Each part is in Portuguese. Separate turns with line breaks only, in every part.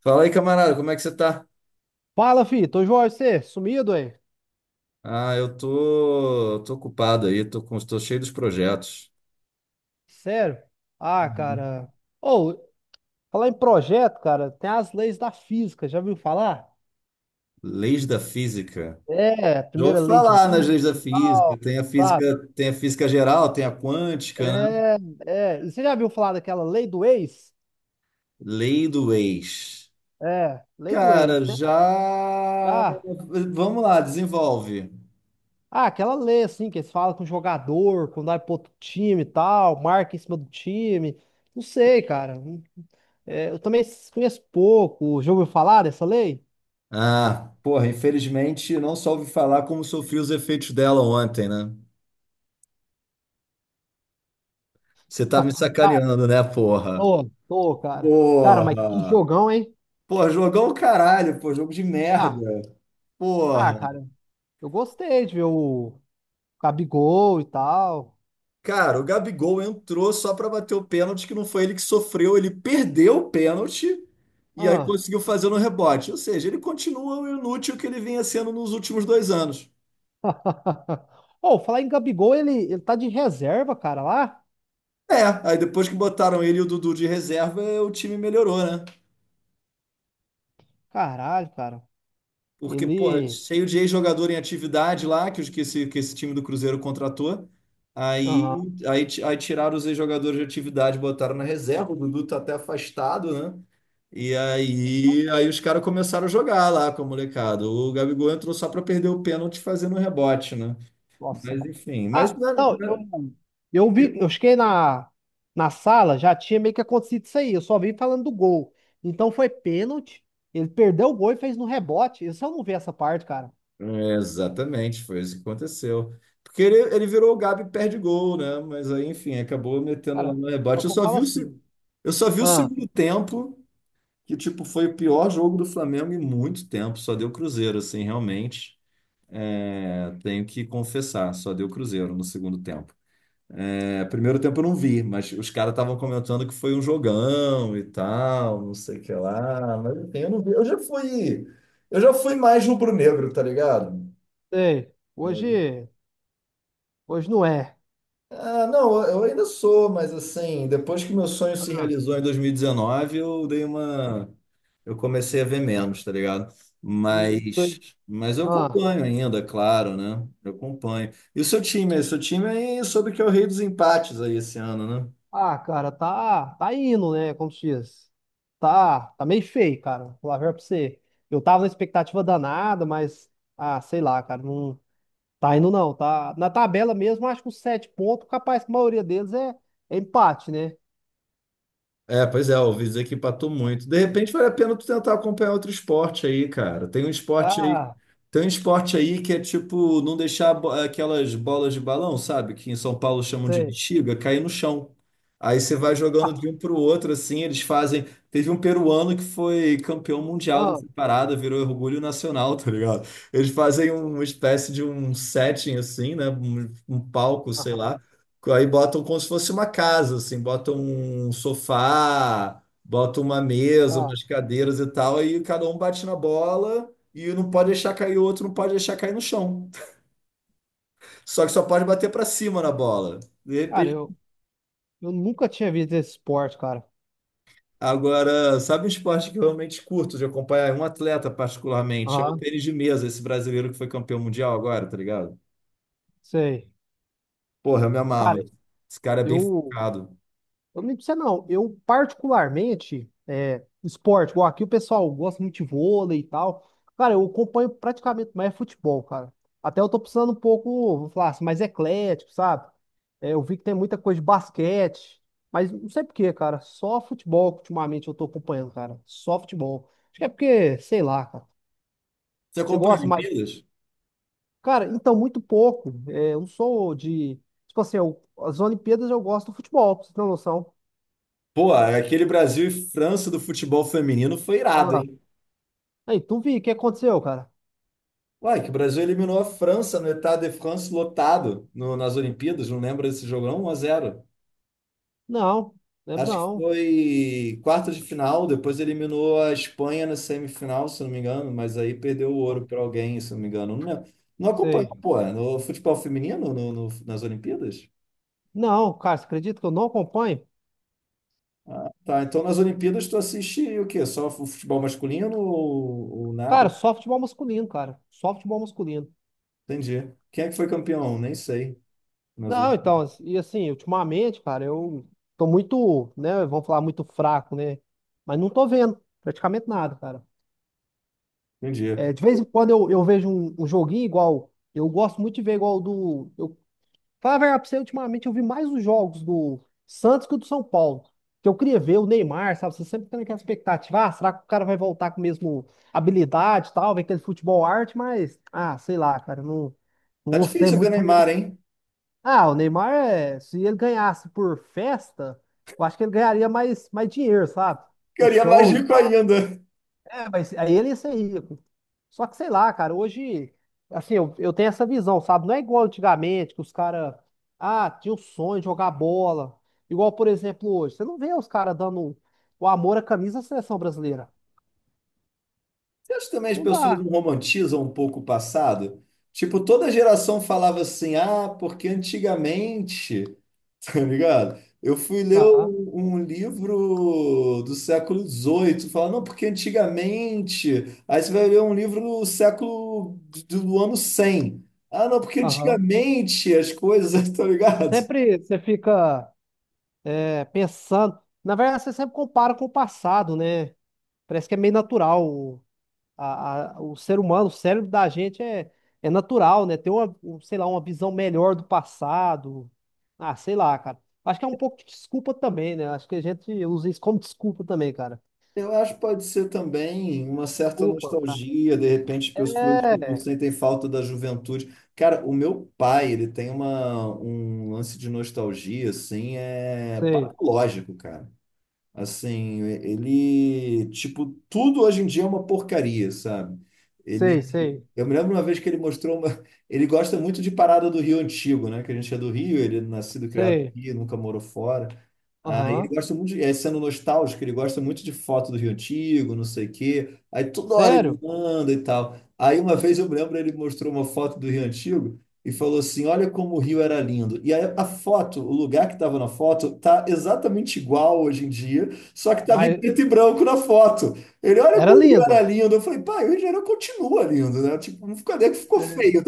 Fala aí, camarada, como é que você tá?
Fala, fi. Tô Jorge, você sumido aí?
Ah, eu tô ocupado aí, tô cheio dos projetos.
Sério? Ah,
Uhum.
cara. Ou, falar em projeto, cara, tem as leis da física, já viu falar?
Leis da física.
É,
Já
primeira
ouvi
lei de
falar nas leis da
Newton e
física.
tal,
Tem a
sabe?
física, tem a física geral, tem a quântica, né?
É, é. E você já viu falar daquela lei do ex?
Lei do ex.
É, lei do ex,
Cara,
né?
já.
ah,
Vamos lá, desenvolve.
aquela lei, assim, que eles falam com o jogador, quando vai pro outro time e tal, marca em cima do time. Não sei, cara. É, eu também conheço pouco. Já ouviu falar dessa lei?
Ah, porra, infelizmente não só ouvi falar como sofri os efeitos dela ontem, né? Você tá me sacaneando, né, porra?
Tô, tô, cara. Cara, mas que
Porra!
jogão, hein?
Pô, jogão o caralho, pô, jogo de
Ah,
merda. Porra.
ah, cara, eu gostei de ver o Gabigol e tal.
Cara, o Gabigol entrou só pra bater o pênalti, que não foi ele que sofreu, ele perdeu o pênalti e aí
Ah.
conseguiu fazer no rebote. Ou seja, ele continua o inútil que ele vinha sendo nos últimos 2 anos.
Ô, falar em Gabigol, ele tá de reserva, cara, lá?
É, aí depois que botaram ele e o Dudu de reserva, o time melhorou, né?
Caralho, cara.
Porque, porra,
Ele.
cheio de ex-jogador em atividade lá, que esse time do Cruzeiro contratou. Aí,
Aham.
aí, ti- aí tiraram os ex-jogadores de atividade, botaram na reserva. O Dudu tá até afastado, né? E aí, aí os caras começaram a jogar lá com a molecada. O Gabigol entrou só para perder o pênalti fazendo um rebote, né?
Nossa,
Mas
cara.
enfim, mas
Ah,
né,
não, eu,
né,
eu vi, eu cheguei na sala, já tinha meio que acontecido isso aí. Eu só vi falando do gol. Então foi pênalti. Ele perdeu o gol e fez no rebote. Eu só não vi essa parte, cara.
Exatamente, foi isso que aconteceu. Porque ele virou o Gabi perde gol, né? Mas aí, enfim, acabou metendo lá
Cara,
no
só
rebote. Eu
que eu
só
falo
vi o, se-
assim.
Eu só vi o
Ah,
segundo tempo, que tipo, foi o pior jogo do Flamengo em muito tempo. Só deu Cruzeiro, assim, realmente. É, tenho que confessar, só deu Cruzeiro no segundo tempo. É, primeiro tempo eu não vi, mas os caras estavam comentando que foi um jogão e tal, não sei o que lá. Mas enfim, eu não vi. Eu já fui mais rubro-negro, tá ligado?
sei. Hoje não é.
Ah, não, eu ainda sou, mas assim, depois que meu sonho se
Ah,
realizou em 2019, eu comecei a ver menos, tá ligado?
não tô-
Mas, mas eu
ah,
acompanho ainda, é claro, né? Eu acompanho. E o seu time aí soube que é o rei dos empates aí esse ano, né?
cara, tá indo, né? Como se diz. Tá meio feio, cara. Vou lá ver verdade pra você. Eu tava na expectativa danada, mas, ah, sei lá, cara, não tá indo não, tá? Na tabela mesmo, acho que os 7 pontos, capaz que a maioria deles é empate, né?
É, pois é, ouvi dizer que empatou muito. De repente vale a pena tu tentar acompanhar outro esporte aí, cara. Tem um esporte aí,
Ah,
tem um esporte aí que é tipo não deixar aquelas bolas de balão, sabe? Que em São Paulo chamam de
sei.
bexiga, cair no chão. Aí você vai jogando
Ah,
de um pro outro assim, eles fazem. Teve um peruano que foi campeão mundial dessa parada, virou orgulho nacional, tá ligado? Eles fazem um, uma espécie de um setting assim, né? Um palco, sei
aham,
lá. Aí botam como se fosse uma casa, assim, botam um sofá, botam uma mesa,
ah.
umas cadeiras e tal, aí cada um bate na bola e um não pode deixar cair o outro, não pode deixar cair no chão. Só que só pode bater para cima na bola. De
Cara,
repente.
eu nunca tinha visto esse esporte, cara.
Agora, sabe um esporte que eu realmente curto de acompanhar? É um atleta particularmente, é o
Aham,
tênis de mesa, esse brasileiro que foi campeão mundial agora, tá ligado?
sei.
Porra, eu me amarro.
Cara,
Esse cara é bem
eu,
focado.
Eu não digo pra você não. Eu, particularmente, é, esporte, igual aqui o pessoal gosta muito de vôlei e tal. Cara, eu acompanho praticamente mais futebol, cara. Até eu tô precisando um pouco, vou falar assim, mais eclético, sabe? É, eu vi que tem muita coisa de basquete, mas não sei por quê, cara. Só futebol que ultimamente eu tô acompanhando, cara. Só futebol. Acho que é porque, sei lá, cara.
Você
Você
acompanha
gosta mais.
Olimpíadas?
Cara, então, muito pouco. É, eu não sou de. Tipo assim, as Olimpíadas eu gosto do futebol, pra você ter uma noção.
Pô, aquele Brasil e França do futebol feminino foi irado,
Ah,
hein?
aí, tu vi, o que aconteceu, cara?
Uai, que o Brasil eliminou a França no Stade de France lotado no- nas Olimpíadas, não lembro desse jogo, não? 1x0.
Não, lembro
Acho que
não.
foi quarta de final, depois eliminou a Espanha na semifinal, se não me engano, mas aí perdeu o
Não,
ouro para alguém, se não me engano. Não, lembro. Não acompanhou,
sei.
pô, no futebol feminino no- no- nas Olimpíadas?
Não, cara, você acredita que eu não acompanho?
Tá, então nas Olimpíadas tu assiste o quê? Só o futebol masculino ou
Cara,
nada?
só futebol masculino, cara. Só futebol masculino.
Entendi. Quem é que foi campeão? Nem sei. Nas
Não, então, e assim, ultimamente, cara, eu tô muito, né, vamos falar, muito fraco, né? Mas não tô vendo praticamente nada, cara.
um dia.
É, de vez em quando eu vejo um joguinho igual, eu gosto muito de ver igual do, eu Falar a verdade pra você, ultimamente eu vi mais os jogos do Santos que o do São Paulo. Que eu queria ver o Neymar, sabe? Você sempre tem aquela expectativa, ah, será que o cara vai voltar com a mesma habilidade e tal, ver aquele futebol arte, mas, ah, sei lá, cara, eu não
Tá
gostei
difícil ver
muito também do...
Neymar, hein?
Ah, o Neymar, é, se ele ganhasse por festa, eu acho que ele ganharia mais dinheiro, sabe? Pro
Ficaria
show e
mágico
tal.
ainda.
É, mas aí ele ia ser rico. Só que, sei lá, cara, hoje, assim, eu tenho essa visão, sabe? Não é igual antigamente, que os caras, ah, tinha o sonho de jogar bola. Igual, por exemplo, hoje. Você não vê os caras dando o amor à camisa da seleção brasileira.
Você acha também que as
Não
pessoas não
dá.
romantizam um pouco o passado? Tipo, toda geração falava assim, ah, porque antigamente, tá ligado? Eu fui ler
Aham,
um, um livro do século 18, falando, não, porque antigamente. Aí você vai ler um livro do século do, do ano 100, ah, não, porque
aham.
antigamente as coisas, tá ligado?
Sempre você fica é, pensando. Na verdade, você sempre compara com o passado, né? Parece que é meio natural. O ser humano, o cérebro da gente é natural, né? Ter sei lá, uma visão melhor do passado. Ah, sei lá, cara. Acho que é um pouco de desculpa também, né? Acho que a gente usa isso como desculpa também, cara.
Eu acho que pode ser também uma certa
Desculpa, cara.
nostalgia, de repente, as pessoas tipo,
É,
sentem falta da juventude. Cara, o meu pai, ele tem uma, um lance de nostalgia, assim, é
sei,
patológico, cara. Assim, ele, tipo, tudo hoje em dia é uma porcaria, sabe?
sei,
Ele,
sei,
eu me lembro uma vez que ele mostrou ele gosta muito de parada do Rio Antigo, né? Que a gente é do Rio, ele é nascido, e criado
sei.
aqui, nunca morou fora. Aí ele
Aham.
gosta muito, de, é, sendo nostálgico, ele gosta muito de foto do Rio Antigo, não sei o quê. Aí toda hora ele
Sério?
manda e tal. Aí uma vez eu me lembro, ele mostrou uma foto do Rio Antigo e falou assim: olha como o Rio era lindo. E aí a foto, o lugar que estava na foto, tá exatamente igual hoje em dia, só que
Ah,
estava em
mas
preto e branco na foto. Ele, olha
era
como o Rio era
lindo,
lindo. Eu falei, pai, o Rio de Janeiro continua lindo, né? Tipo, não ficou, não é que ficou
né?
feio,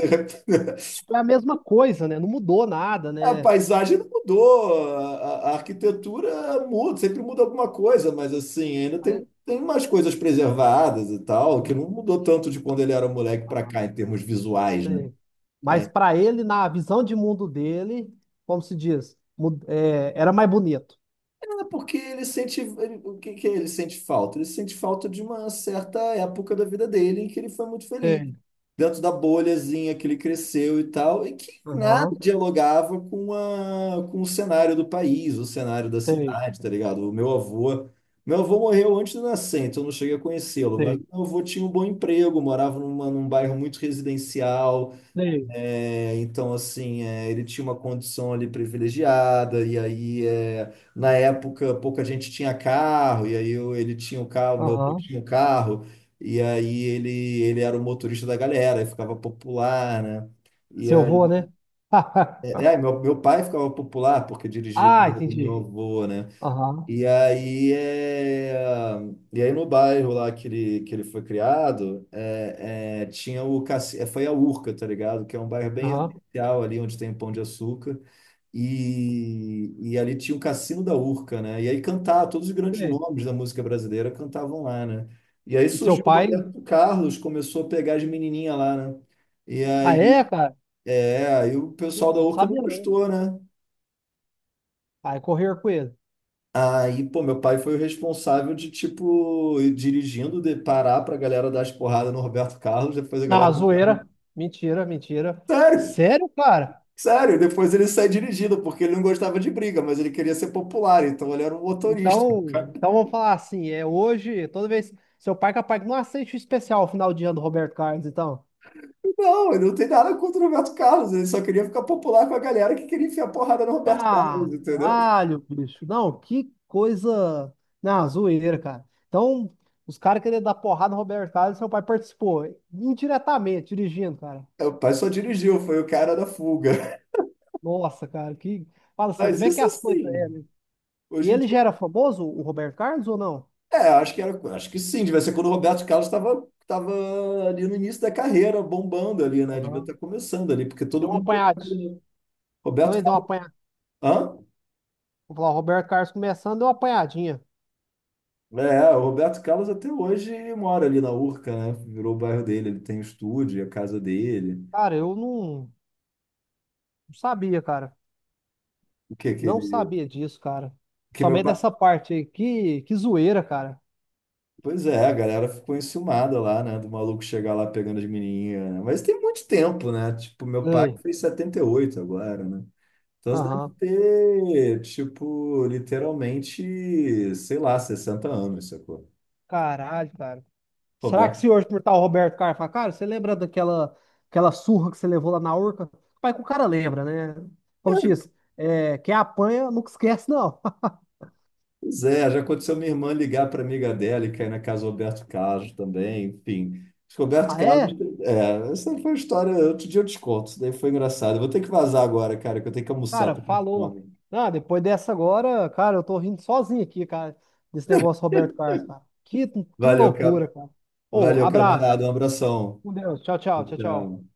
né?
Tipo, é a mesma coisa, né? Não mudou nada,
A
né?
paisagem não mudou, arquitetura muda, sempre muda alguma coisa, mas assim, ainda
Aí-
tem, tem umas coisas preservadas e tal, que não mudou tanto de quando ele era moleque para cá, em termos visuais, né?
Sim. Mas para ele, na visão de mundo dele, como se diz, é, era mais bonito.
É porque ele sente, ele- o que que ele sente falta? Ele sente falta de uma certa época da vida dele em que ele foi muito feliz,
Sei,
dentro da bolhazinha que ele cresceu e tal, e que nada
aham,
dialogava com a, com o cenário do país, o cenário da
sei,
cidade, tá ligado? O meu avô morreu antes de eu nascer, então eu não cheguei a conhecê-lo, mas
sei,
meu avô tinha um bom emprego, morava numa, num bairro muito residencial,
sei,
é, então, assim, é, ele tinha uma condição ali privilegiada, e aí, é, na época, pouca gente tinha carro, e aí ele tinha o carro, meu avô
aham,
tinha o carro, e aí ele era o motorista da galera, e ficava popular, né? E
seu
aí,
avô, né?
é, é, meu pai ficava popular porque dirigia o
Ah,
carro do meu
entendi.
avô, né?
Aham,
E aí, e aí no bairro lá que ele foi criado, é, é, tinha o caci... é, foi a Urca, tá ligado? Que é um bairro bem
aham,
especial ali, onde tem Pão de Açúcar. E ali tinha o Cassino da Urca, né? E aí cantava, todos os grandes
sei.
nomes da música brasileira cantavam lá, né? E aí
E seu
surgiu o
pai?
Roberto Carlos, começou a pegar as menininhas lá, né? E
Ah,
aí,
é, cara?
é, aí o pessoal da
Nossa, não
Urca não
sabia não.
gostou, né?
Aí correr com ele.
Aí, pô, meu pai foi o responsável de, tipo, ir dirigindo, de parar pra galera dar as porradas no Roberto Carlos, depois a galera...
Não, zoeira. Mentira, mentira.
Sério,
Sério, cara?
sério, depois ele sai dirigindo, porque ele não gostava de briga, mas ele queria ser popular, então ele era um motorista. O
Então,
cara,
então vamos falar assim, é hoje, toda vez. Seu pai é capaz que não aceite o especial final de ano do Roberto Carlos, então.
não, ele não tem nada contra o Roberto Carlos, ele só queria ficar popular com a galera que queria enfiar porrada no Roberto Carlos, entendeu?
Caralho, bicho. Não, que coisa. Não, zoeira, cara. Então, os caras querendo dar porrada no Roberto Carlos, seu pai participou indiretamente, dirigindo, cara.
Meu pai só dirigiu, foi o cara da fuga.
Nossa, cara, que. Fala assim,
Mas
como é que
isso
é as coisas.
assim,
E
hoje em
ele
dia
já era famoso, o Roberto Carlos, ou não?
é, acho que era, acho que sim, devia ser quando o Roberto Carlos estava ali no início da carreira, bombando ali, né? Devia estar
Aham.
começando ali, porque todo
Deu uma
mundo
apanhadinha.
tocava, né?
Então
Roberto
ele deu uma
Carlos.
apanhadinha.
Hã?
Vou falar, o Roberto Carlos começando, deu uma apanhadinha.
É, o Roberto Carlos até hoje mora ali na Urca, né? Virou o bairro dele, ele tem o estúdio, a casa dele.
Cara, eu não sabia, cara.
O que que
Não
ele.
sabia disso, cara.
Que meu
Somente
pai.
dessa parte aí. Que zoeira, cara.
Pois é, a galera ficou enciumada lá, né? Do maluco chegar lá pegando as menininhas, né? Mas tem muito tempo, né? Tipo, meu pai
Ei,
fez 78 agora, né? Então você deve
aham.
ter, tipo, literalmente, sei lá, 60 anos, sacou?
Caralho, cara. Será que
Roberto.
se hoje por tal Roberto Carlos falar, cara, você lembra daquela aquela surra que você levou lá na Urca? Pai, que o cara lembra, né? Como se diz, é, quem apanha nunca esquece, não.
Pois é, já aconteceu minha irmã ligar para amiga dela e cair na casa do Roberto Carlos também, enfim. Acho que o Roberto
Ah, é?
Carlos, é, essa foi uma história, outro dia eu te conto, isso daí foi engraçado. Eu vou ter que vazar agora, cara, que eu tenho que almoçar,
Cara,
tô com
falou.
fome.
Ah, depois dessa agora, cara, eu tô rindo sozinho aqui, cara, desse negócio Roberto Carlos, cara. Que
Valeu, ca...
loucura, cara. Ô,
Valeu,
abraço.
camarada, um abração.
Com Deus. Tchau, tchau, tchau, tchau.
Tchau.